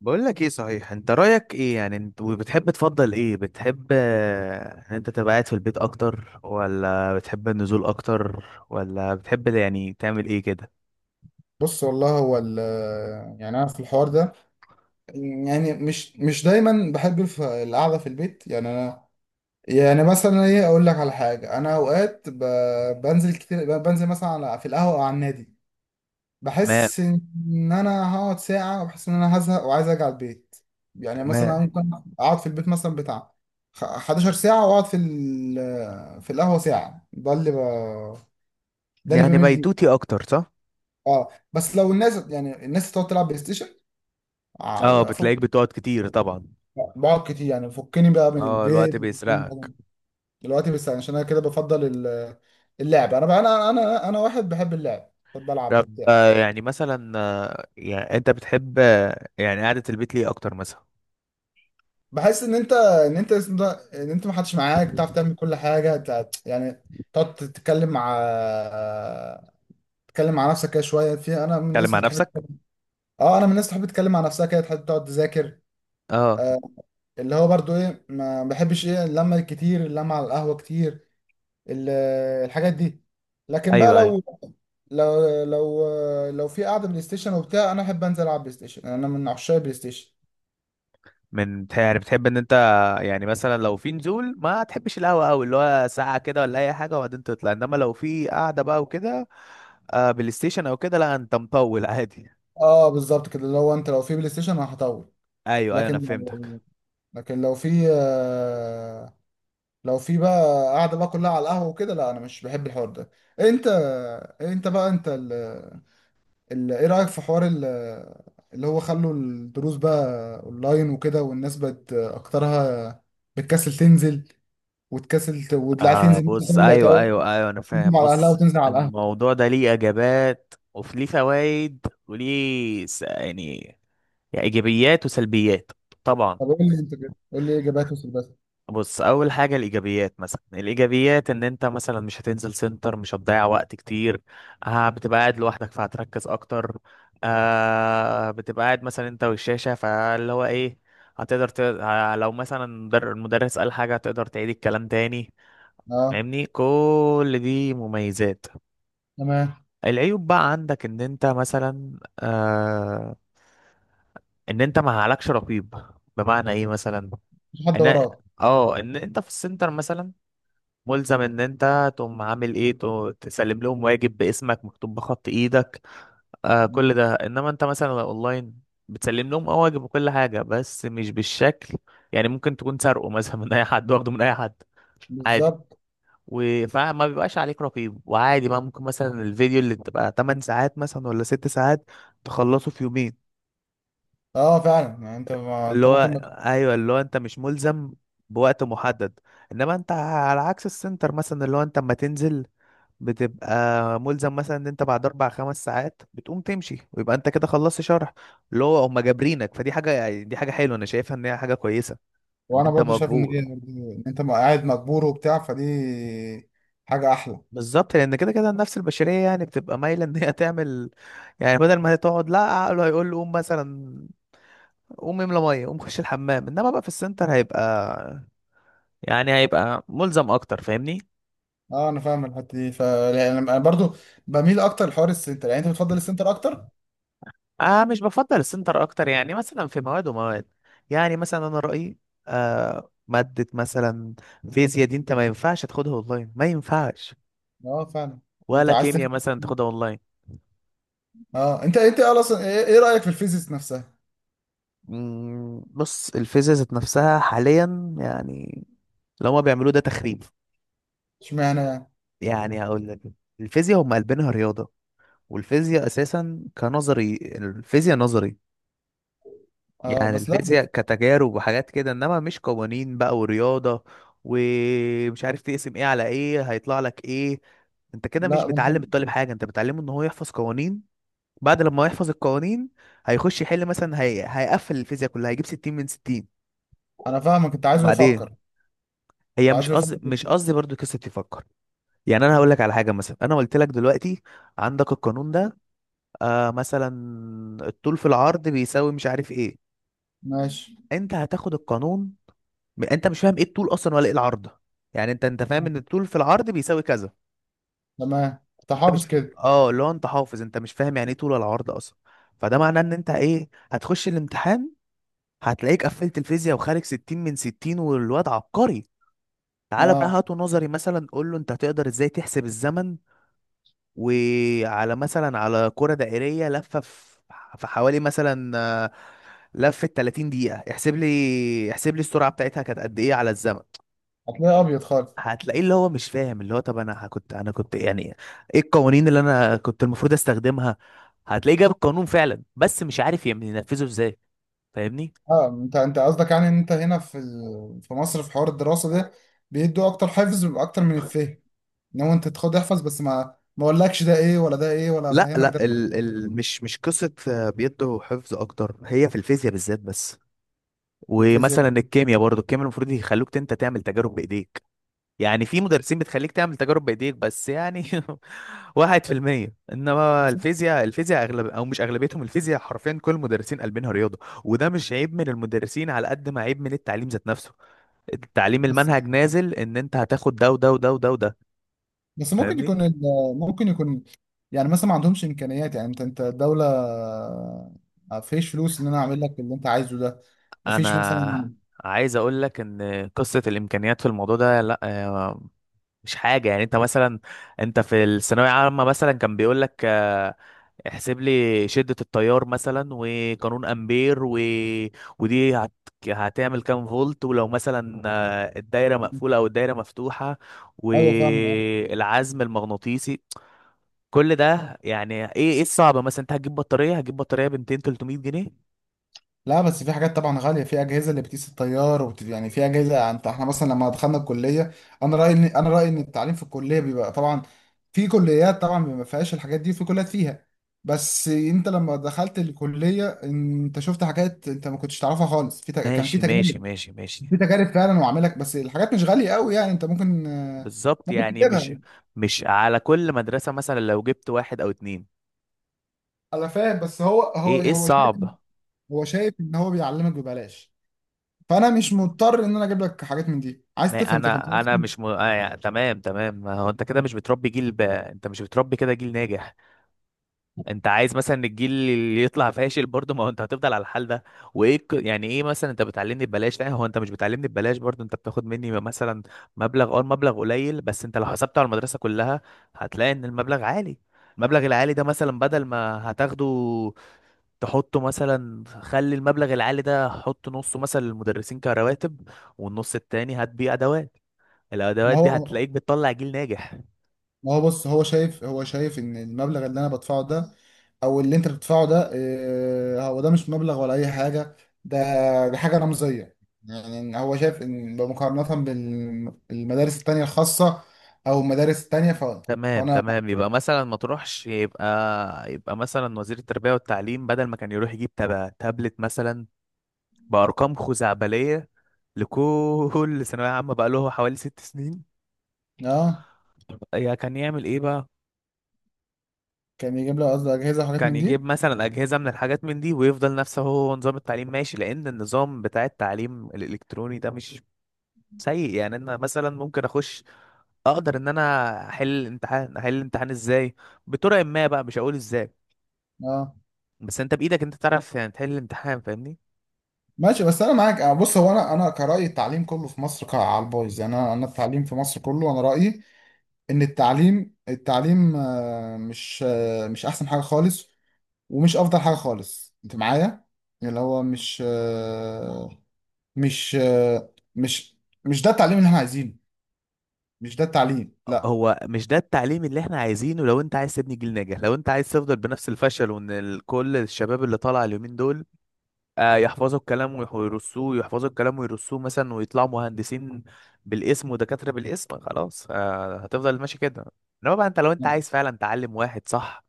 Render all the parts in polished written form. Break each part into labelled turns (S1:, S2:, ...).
S1: بقول لك ايه؟ صحيح، انت رايك ايه يعني؟ انت وبتحب تفضل ايه؟ بتحب ان انت تبقى قاعد في البيت اكتر، ولا بتحب النزول اكتر، ولا بتحب يعني تعمل ايه كده؟
S2: بص والله، يعني انا في الحوار ده، يعني مش دايما بحب القعده في البيت. يعني انا، يعني مثلا ايه، اقول لك على حاجه. انا اوقات بنزل كتير، بنزل مثلا في القهوه او على النادي.
S1: ما،
S2: بحس ان انا هقعد ساعه، وبحس ان انا هزهق وعايز ارجع البيت. يعني مثلا
S1: تمام.
S2: ممكن اقعد في البيت مثلا بتاع 11 ساعه، واقعد في في القهوه ساعه. ده اللي ده اللي
S1: يعني
S2: بمل ليه.
S1: بيتوتي اكتر، صح؟
S2: اه، بس لو الناس، يعني الناس تقعد تلعب بلاي ستيشن،
S1: اه،
S2: افك.
S1: بتلاقيك بتقعد كتير طبعا.
S2: بقعد كتير، يعني فكني بقى من
S1: اه،
S2: البيت،
S1: الوقت بيسرقك.
S2: دلوقتي. بس عشان انا كده، بفضل اللعب. انا بقى، انا واحد بحب اللعب، بحب العب
S1: طب،
S2: وبتاع.
S1: آه، يعني مثلا آه، يعني انت بتحب، يعني، قعدة البيت ليه اكتر مثلا؟
S2: بحس ان انت، ان انت اسمه ده، ان انت ما حدش معاك تعرف تعمل كل حاجه يعني، تقعد تتكلم مع نفسك كده شويه. في انا من
S1: تتكلم
S2: الناس
S1: مع
S2: اللي تحب،
S1: نفسك؟
S2: اه انا من الناس اللي تحب تتكلم مع نفسها كده، تحب تقعد تذاكر.
S1: اه.
S2: آه اللي هو برضو ايه، ما بحبش ايه اللمه الكتير، اللمه على القهوه كتير، ال- الحاجات دي. لكن بقى،
S1: ايوه ايوه.
S2: لو لو لو في قعده بلاي ستيشن وبتاع، انا احب انزل العب بلاي ستيشن. انا من عشاق بلاي ستيشن.
S1: يعني بتحب ان انت، يعني مثلا، لو في نزول ما تحبش القهوه قوي، اللي هو ساعه كده ولا اي حاجه وبعدين تطلع، انما لو في قعده بقى وكده، آه، بلاي ستيشن او كده، لا انت مطول عادي.
S2: اه بالظبط كده، لو انت، لو في بلاي ستيشن انا هطول.
S1: ايوه ايوه، انا
S2: لكن
S1: فهمتك.
S2: لكن لو في بقى قاعده بقى كلها على القهوه وكده، لا، انا مش بحب الحوار ده. انت، انت بقى انت ايه رايك في حوار اللي هو خلوا الدروس بقى اونلاين وكده، والناس بقت اكترها بتكسل تنزل، وتكسل والعيال
S1: آه
S2: تنزل مثلا،
S1: بص.
S2: تقول-
S1: ايوه ايوه ايوه، انا
S2: تقدم
S1: فاهم.
S2: على اهلها
S1: بص،
S2: وتنزل على القهوه.
S1: الموضوع ده ليه اجابات وفي ليه فوائد وليه يعني، يعني ايجابيات وسلبيات. طبعا.
S2: طب قول لي انت كده، قول لي ايه اجابات وصل بس.
S1: بص، اول حاجه الايجابيات، مثلا الايجابيات ان انت مثلا مش هتنزل سنتر، مش هتضيع وقت كتير. آه، بتبقى قاعد لوحدك فهتركز اكتر. آه، بتبقى قاعد مثلا انت والشاشه، فاللي هو ايه، هتقدر ت... آه، لو مثلا المدرس قال حاجه هتقدر تعيد الكلام تاني.
S2: اه،
S1: فاهمني؟ كل دي مميزات.
S2: تمام.
S1: العيوب بقى عندك ان انت مثلا آه، ان انت ما عليكش رقيب. بمعنى ايه مثلا؟
S2: مفيش حد
S1: ان،
S2: وراك.
S1: اه، ان انت في السنتر مثلا ملزم ان انت تقوم عامل ايه، تسلم لهم واجب باسمك مكتوب بخط ايدك، آه، كل
S2: مم.
S1: ده. انما انت مثلا لو اونلاين بتسلم لهم اه واجب وكل حاجه، بس مش بالشكل، يعني ممكن تكون سارقه مثلا من اي حد، واخده من اي حد، عادي.
S2: بالظبط.
S1: فما بيبقاش عليك رقيب، وعادي بقى ممكن مثلا الفيديو اللي تبقى 8 ساعات مثلا ولا 6 ساعات تخلصه في يومين.
S2: اه فعلا، يعني انت ما...
S1: اللي
S2: انت
S1: هو،
S2: ممكن ما...
S1: ايوه، اللي هو انت مش ملزم بوقت محدد، انما انت على عكس السنتر مثلا، اللي هو انت اما تنزل بتبقى ملزم مثلا ان انت بعد اربع خمس ساعات بتقوم تمشي ويبقى انت كده خلصت شرح، اللي هو هم جابرينك، فدي حاجه، يعني دي حاجه حلوه، انا شايفها ان هي حاجه كويسه، ان
S2: وانا
S1: انت
S2: برضه شايف
S1: مجبور.
S2: ان انت قاعد مجبور وبتاع، فدي حاجه احلى.
S1: بالظبط، لان كده كده النفس البشريه يعني بتبقى مايله ان هي تعمل، يعني بدل ما هي تقعد، لا عقله هيقول له قوم مثلا، قوم املى ميه، قوم خش الحمام، انما بقى في السنتر هيبقى يعني هيبقى ملزم اكتر. فاهمني؟
S2: اه انا فاهم الحته دي، ف يعني انا برضه بميل اكتر لحوار السنتر. يعني انت بتفضل السنتر اكتر.
S1: اه، مش بفضل السنتر اكتر، يعني مثلا في مواد ومواد. يعني مثلا انا رايي، آه، ماده مثلا فيزياء دي انت ما ينفعش تاخدها اونلاين، ما ينفعش.
S2: اه فعلا. انت
S1: ولا
S2: عايز
S1: كيمياء مثلا تاخدها اونلاين.
S2: اه، انت اصلا ايه، إيه رايك في الفيزيكس نفسها؟
S1: مم، بص، الفيزياء ذات نفسها حاليا، يعني اللي هما بيعملوه ده تخريب.
S2: اشمعنى يعني؟
S1: يعني هقول لك، الفيزياء هم قلبينها رياضه، والفيزياء اساسا كنظري، الفيزياء نظري،
S2: اه،
S1: يعني
S2: بس، لا
S1: الفيزياء
S2: بس.
S1: كتجارب وحاجات كده، انما مش قوانين بقى ورياضة، ومش عارف تقسم ايه على ايه هيطلع لك ايه. انت كده مش
S2: لا
S1: بتعلم
S2: انت-
S1: الطالب حاجة، انت بتعلمه ان هو يحفظ قوانين. بعد لما يحفظ القوانين هيخش يحل مثلا، هيقفل الفيزياء كلها، هيجيب 60 من 60.
S2: انا فاهمك. انت عايزه
S1: وبعدين،
S2: يفكر، انت
S1: هي مش
S2: عايزه يفكر.
S1: قصدي، مش قصدي برضو قصة تفكر. يعني انا هقول لك على حاجة مثلا، انا قلت لك دلوقتي عندك القانون ده، آه مثلا الطول في العرض بيساوي مش عارف ايه.
S2: ماشي.
S1: انت هتاخد القانون، انت مش فاهم ايه الطول اصلا ولا ايه العرض، يعني انت فاهم ان الطول في العرض بيساوي كذا.
S2: تمام، انت
S1: انت
S2: حافظ
S1: مش،
S2: كده.
S1: اه، اللي هو انت حافظ، انت مش فاهم يعني ايه طول ولا عرض اصلا. فده معناه ان انت ايه، هتخش الامتحان هتلاقيك قفلت الفيزياء وخارج 60 من 60 والواد عبقري. تعالى بقى
S2: اه.
S1: هاته نظري مثلا، قول له انت هتقدر ازاي تحسب الزمن وعلى، مثلا، على كرة دائرية لفة في في حوالي مثلا، لفة 30 دقيقة. احسب لي، احسب لي السرعة بتاعتها كانت قد ايه على الزمن؟
S2: هتلاقي ابيض خالص.
S1: هتلاقيه اللي هو مش فاهم، اللي هو طب انا كنت، انا كنت يعني ايه القوانين اللي انا كنت المفروض استخدمها. هتلاقيه جاب القانون فعلا، بس مش عارف ينفذه ازاي. فاهمني؟
S2: اه، انت قصدك يعني ان انت هنا في في مصر، في حوار الدراسه ده بيدوا اكتر، حفظ اكتر من الفهم. ان هو انت تاخد احفظ بس، ما اقولكش ده ايه ولا ده ايه ولا
S1: لا
S2: افهمك
S1: لا،
S2: ده.
S1: ال ال مش قصة، بيدوا حفظ أكتر، هي في الفيزياء بالذات بس.
S2: في الفيزياء
S1: ومثلا الكيمياء برضو، الكيمياء المفروض يخلوك انت تعمل تجارب بايديك. يعني في مدرسين بتخليك تعمل تجارب بايديك، بس يعني واحد في المية. انما
S2: بس.
S1: الفيزياء، الفيزياء اغلب او مش اغلبيتهم، الفيزياء حرفيا كل المدرسين قلبينها رياضة. وده مش عيب من المدرسين على قد ما عيب من التعليم ذات نفسه. التعليم
S2: بس
S1: المنهج نازل ان انت هتاخد ده وده وده وده وده.
S2: بس ممكن
S1: فاهمني؟
S2: يكون ممكن يكون، يعني مثلا ما عندهمش امكانيات. يعني انت، الدوله ما فيش فلوس ان انا اعمل لك اللي انت عايزه ده، ما فيش مثلا.
S1: انا عايز اقول لك ان قصة الامكانيات في الموضوع ده، لا، مش حاجة. يعني انت مثلا، انت في الثانوية عامة مثلا كان بيقول لك احسب لي شدة التيار مثلا، وقانون امبير، ودي هت... هتعمل كام فولت، ولو مثلا، الدايرة مقفولة او الدايرة مفتوحة،
S2: ايوه، فاهم.
S1: والعزم المغناطيسي، كل ده. يعني ايه، ايه الصعب مثلا؟ انت هتجيب بطارية، هتجيب بطارية ب 200 300 جنيه.
S2: لا، بس في حاجات طبعا غاليه، في اجهزه اللي بتقيس التيار يعني في اجهزه. يعني انت، احنا مثلا لما دخلنا الكليه، انا رايي، ان التعليم في الكليه بيبقى طبعا، في كليات طبعا ما فيهاش الحاجات دي، وفي كليات فيها. بس انت لما دخلت الكليه، انت شفت حاجات انت ما كنتش تعرفها خالص. في كان في
S1: ماشي ماشي
S2: تجارب،
S1: ماشي ماشي.
S2: في تجارب فعلا وعاملك. بس الحاجات مش غاليه قوي، يعني انت ممكن
S1: بالظبط،
S2: ممكن
S1: يعني مش
S2: تجيبها.
S1: مش على كل مدرسة، مثلا لو جبت واحد او اتنين.
S2: انا فاهم، بس هو، هو
S1: ايه، ايه
S2: هو شايف،
S1: الصعب؟
S2: هو شايف ان هو بيعلمك ببلاش، فانا مش مضطر ان انا اجيب لك حاجات من دي، عايز
S1: ما
S2: تفهم تفهم.
S1: انا، انا مش م... آه يعني تمام تمام، ما هو انت كده مش بتربي جيل انت مش بتربي كده جيل ناجح، انت عايز مثلا الجيل اللي يطلع فاشل برضه. ما هو انت هتفضل على الحال ده، وايه يعني ايه، مثلا انت بتعلمني ببلاش، لا هو انت مش بتعلمني ببلاش برضه، انت بتاخد مني مثلا مبلغ، اه المبلغ قليل، بس انت لو حسبته على المدرسة كلها هتلاقي ان المبلغ عالي. المبلغ العالي ده مثلا، بدل ما هتاخده تحطه مثلا، خلي المبلغ العالي ده، حط نصه مثلا للمدرسين كرواتب، والنص التاني هات بيه ادوات.
S2: ما
S1: الادوات دي
S2: هو
S1: هتلاقيك بتطلع جيل ناجح.
S2: ما هو بص، هو شايف ان المبلغ اللي انا بدفعه ده، او اللي انت بتدفعه ده، هو ده مش مبلغ ولا اي حاجه. ده حاجه رمزيه. يعني إن هو شايف ان بمقارنه بالمدارس التانيه الخاصه، او المدارس التانيه
S1: تمام
S2: فانا
S1: تمام، يبقى مثلا ما تروحش، يبقى يبقى مثلا وزير التربية والتعليم بدل ما كان يروح يجيب تابلت مثلا بأرقام خزعبلية لكل ثانوية عامة، بقى له حوالي ست سنين،
S2: اه،
S1: يا كان يعمل ايه بقى؟
S2: كان يجيب لي قصدي اجهزه وحاجات
S1: كان
S2: من
S1: يجيب
S2: دي.
S1: مثلا أجهزة من الحاجات من دي ويفضل نفسه، هو نظام التعليم ماشي، لأن النظام بتاع التعليم الإلكتروني ده مش سيء. يعني انا مثلا ممكن اخش، اقدر ان انا احل امتحان. احل الامتحان ازاي؟ بطرق ما، بقى مش هقول ازاي،
S2: اه
S1: بس انت بايدك انت تعرف يعني تحل الامتحان. فاهمني؟
S2: ماشي، بس انا معاك. بص، هو انا كرايي التعليم كله في مصر على البايظ. يعني انا التعليم في مصر كله، انا رايي ان التعليم، مش، مش احسن حاجه خالص، ومش افضل حاجه خالص، انت معايا. اللي هو مش، مش آه، مش مش ده التعليم اللي احنا عايزينه، مش ده التعليم، لا.
S1: هو مش ده التعليم اللي احنا عايزينه. لو انت عايز تبني جيل ناجح، لو انت عايز تفضل بنفس الفشل، وان كل الشباب اللي طالع اليومين دول، يحفظوا الكلام ويرصوه، يحفظوا الكلام ويرصوه مثلا ويطلعوا مهندسين بالاسم ودكاترة بالاسم، خلاص، هتفضل ماشي كده. انما بقى انت لو انت عايز فعلا تعلم واحد صح،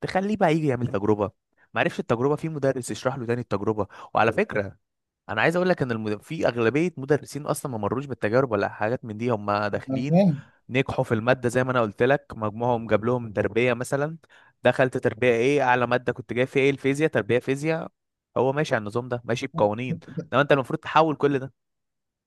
S1: تخليه بقى يجي يعمل تجربة، معرفش التجربة، في مدرس يشرح له تاني التجربة. وعلى فكرة، انا عايز اقول لك ان في اغلبيه مدرسين اصلا ما مرروش بالتجارب ولا حاجات من دي، هم
S2: أنا
S1: داخلين
S2: فاهم.
S1: نجحوا في الماده زي ما انا قلت لك، مجموعهم جاب لهم تربيه مثلا، دخلت تربيه ايه؟ اعلى ماده كنت جاي فيها ايه؟ الفيزياء، تربيه فيزياء. هو ماشي على النظام ده، ماشي بقوانين، انما انت المفروض تحول كل ده.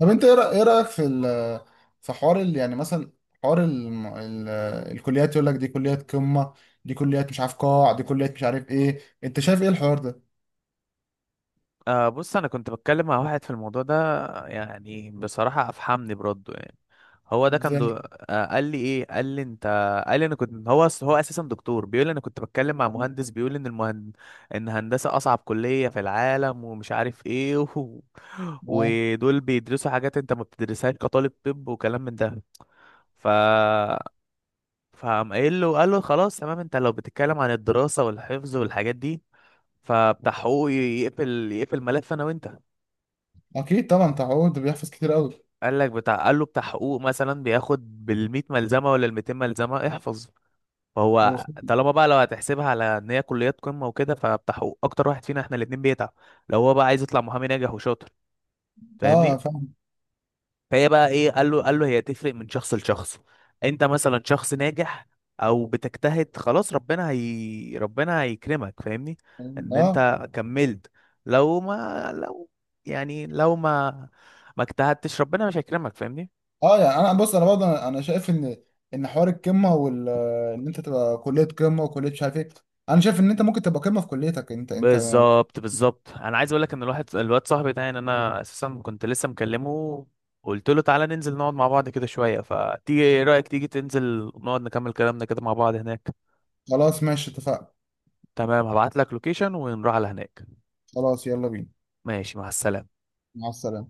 S2: طب انت ايه، إيه رايك في في حوار يعني مثلا، حوار ال الكليات يقول لك دي كليات قمه، دي كليات مش عارف قاع، دي كليات مش عارف ايه. انت شايف ايه الحوار ده؟
S1: آه بص، انا كنت بتكلم مع واحد في الموضوع ده، يعني بصراحة افحمني برده يعني. هو ده كان
S2: ازاي؟
S1: دو... آه قال لي ايه، قال لي انت، قال لي انا كنت هو هو اساسا دكتور بيقول لي انا كنت بتكلم مع مهندس بيقول ان ان هندسة اصعب كلية في العالم، ومش عارف ايه
S2: اه،
S1: ودول بيدرسوا حاجات انت ما بتدرسهاش كطالب طب، وكلام من ده. ف فقام قايل له، قال له خلاص تمام، انت لو بتتكلم عن الدراسة والحفظ والحاجات دي، فبتاع حقوق يقفل ملف انا وانت.
S2: اكيد طبعا، تعود بيحفظ كتير قوي.
S1: قال لك بتاع، قال له بتاع حقوق مثلا بياخد بالمية ملزمة ولا الميتين ملزمة احفظ. فهو
S2: وخ-
S1: طالما بقى لو هتحسبها على ان هي كليات قمة وكده، فبتاع حقوق اكتر واحد فينا احنا الاتنين بيتعب، لو هو بقى عايز يطلع محامي ناجح وشاطر.
S2: اه
S1: فاهمني؟
S2: فاهم.
S1: فهي بقى ايه، قال له، قال له هي تفرق من شخص لشخص، انت مثلا شخص ناجح او بتجتهد، خلاص ربنا، هي ربنا هيكرمك، فاهمني؟ ان
S2: اه،
S1: انت كملت. لو ما لو لو ما اجتهدتش ربنا مش هيكرمك. فاهمني؟
S2: اه، يعني انا، بص، انا برضه انا شايف ان، ان حوار القمه ان انت تبقى كليه قمه وكليه مش عارف ايه، انا شايف ان انت ممكن تبقى قمه في كليتك انت انت.
S1: بالظبط بالظبط، انا عايز اقول لك ان الواحد الواد صاحبي ده، يعني انا اساسا كنت لسه مكلمه، قلت له تعالى ننزل نقعد مع بعض كده شويه. فتيجي، ايه رايك تيجي تنزل نقعد نكمل كلامنا كده مع بعض هناك؟
S2: خلاص ماشي، اتفقنا.
S1: تمام، هبعت لك لوكيشن ونروح على هناك.
S2: خلاص، يلا بينا.
S1: ماشي، مع السلامه.
S2: مع السلامه.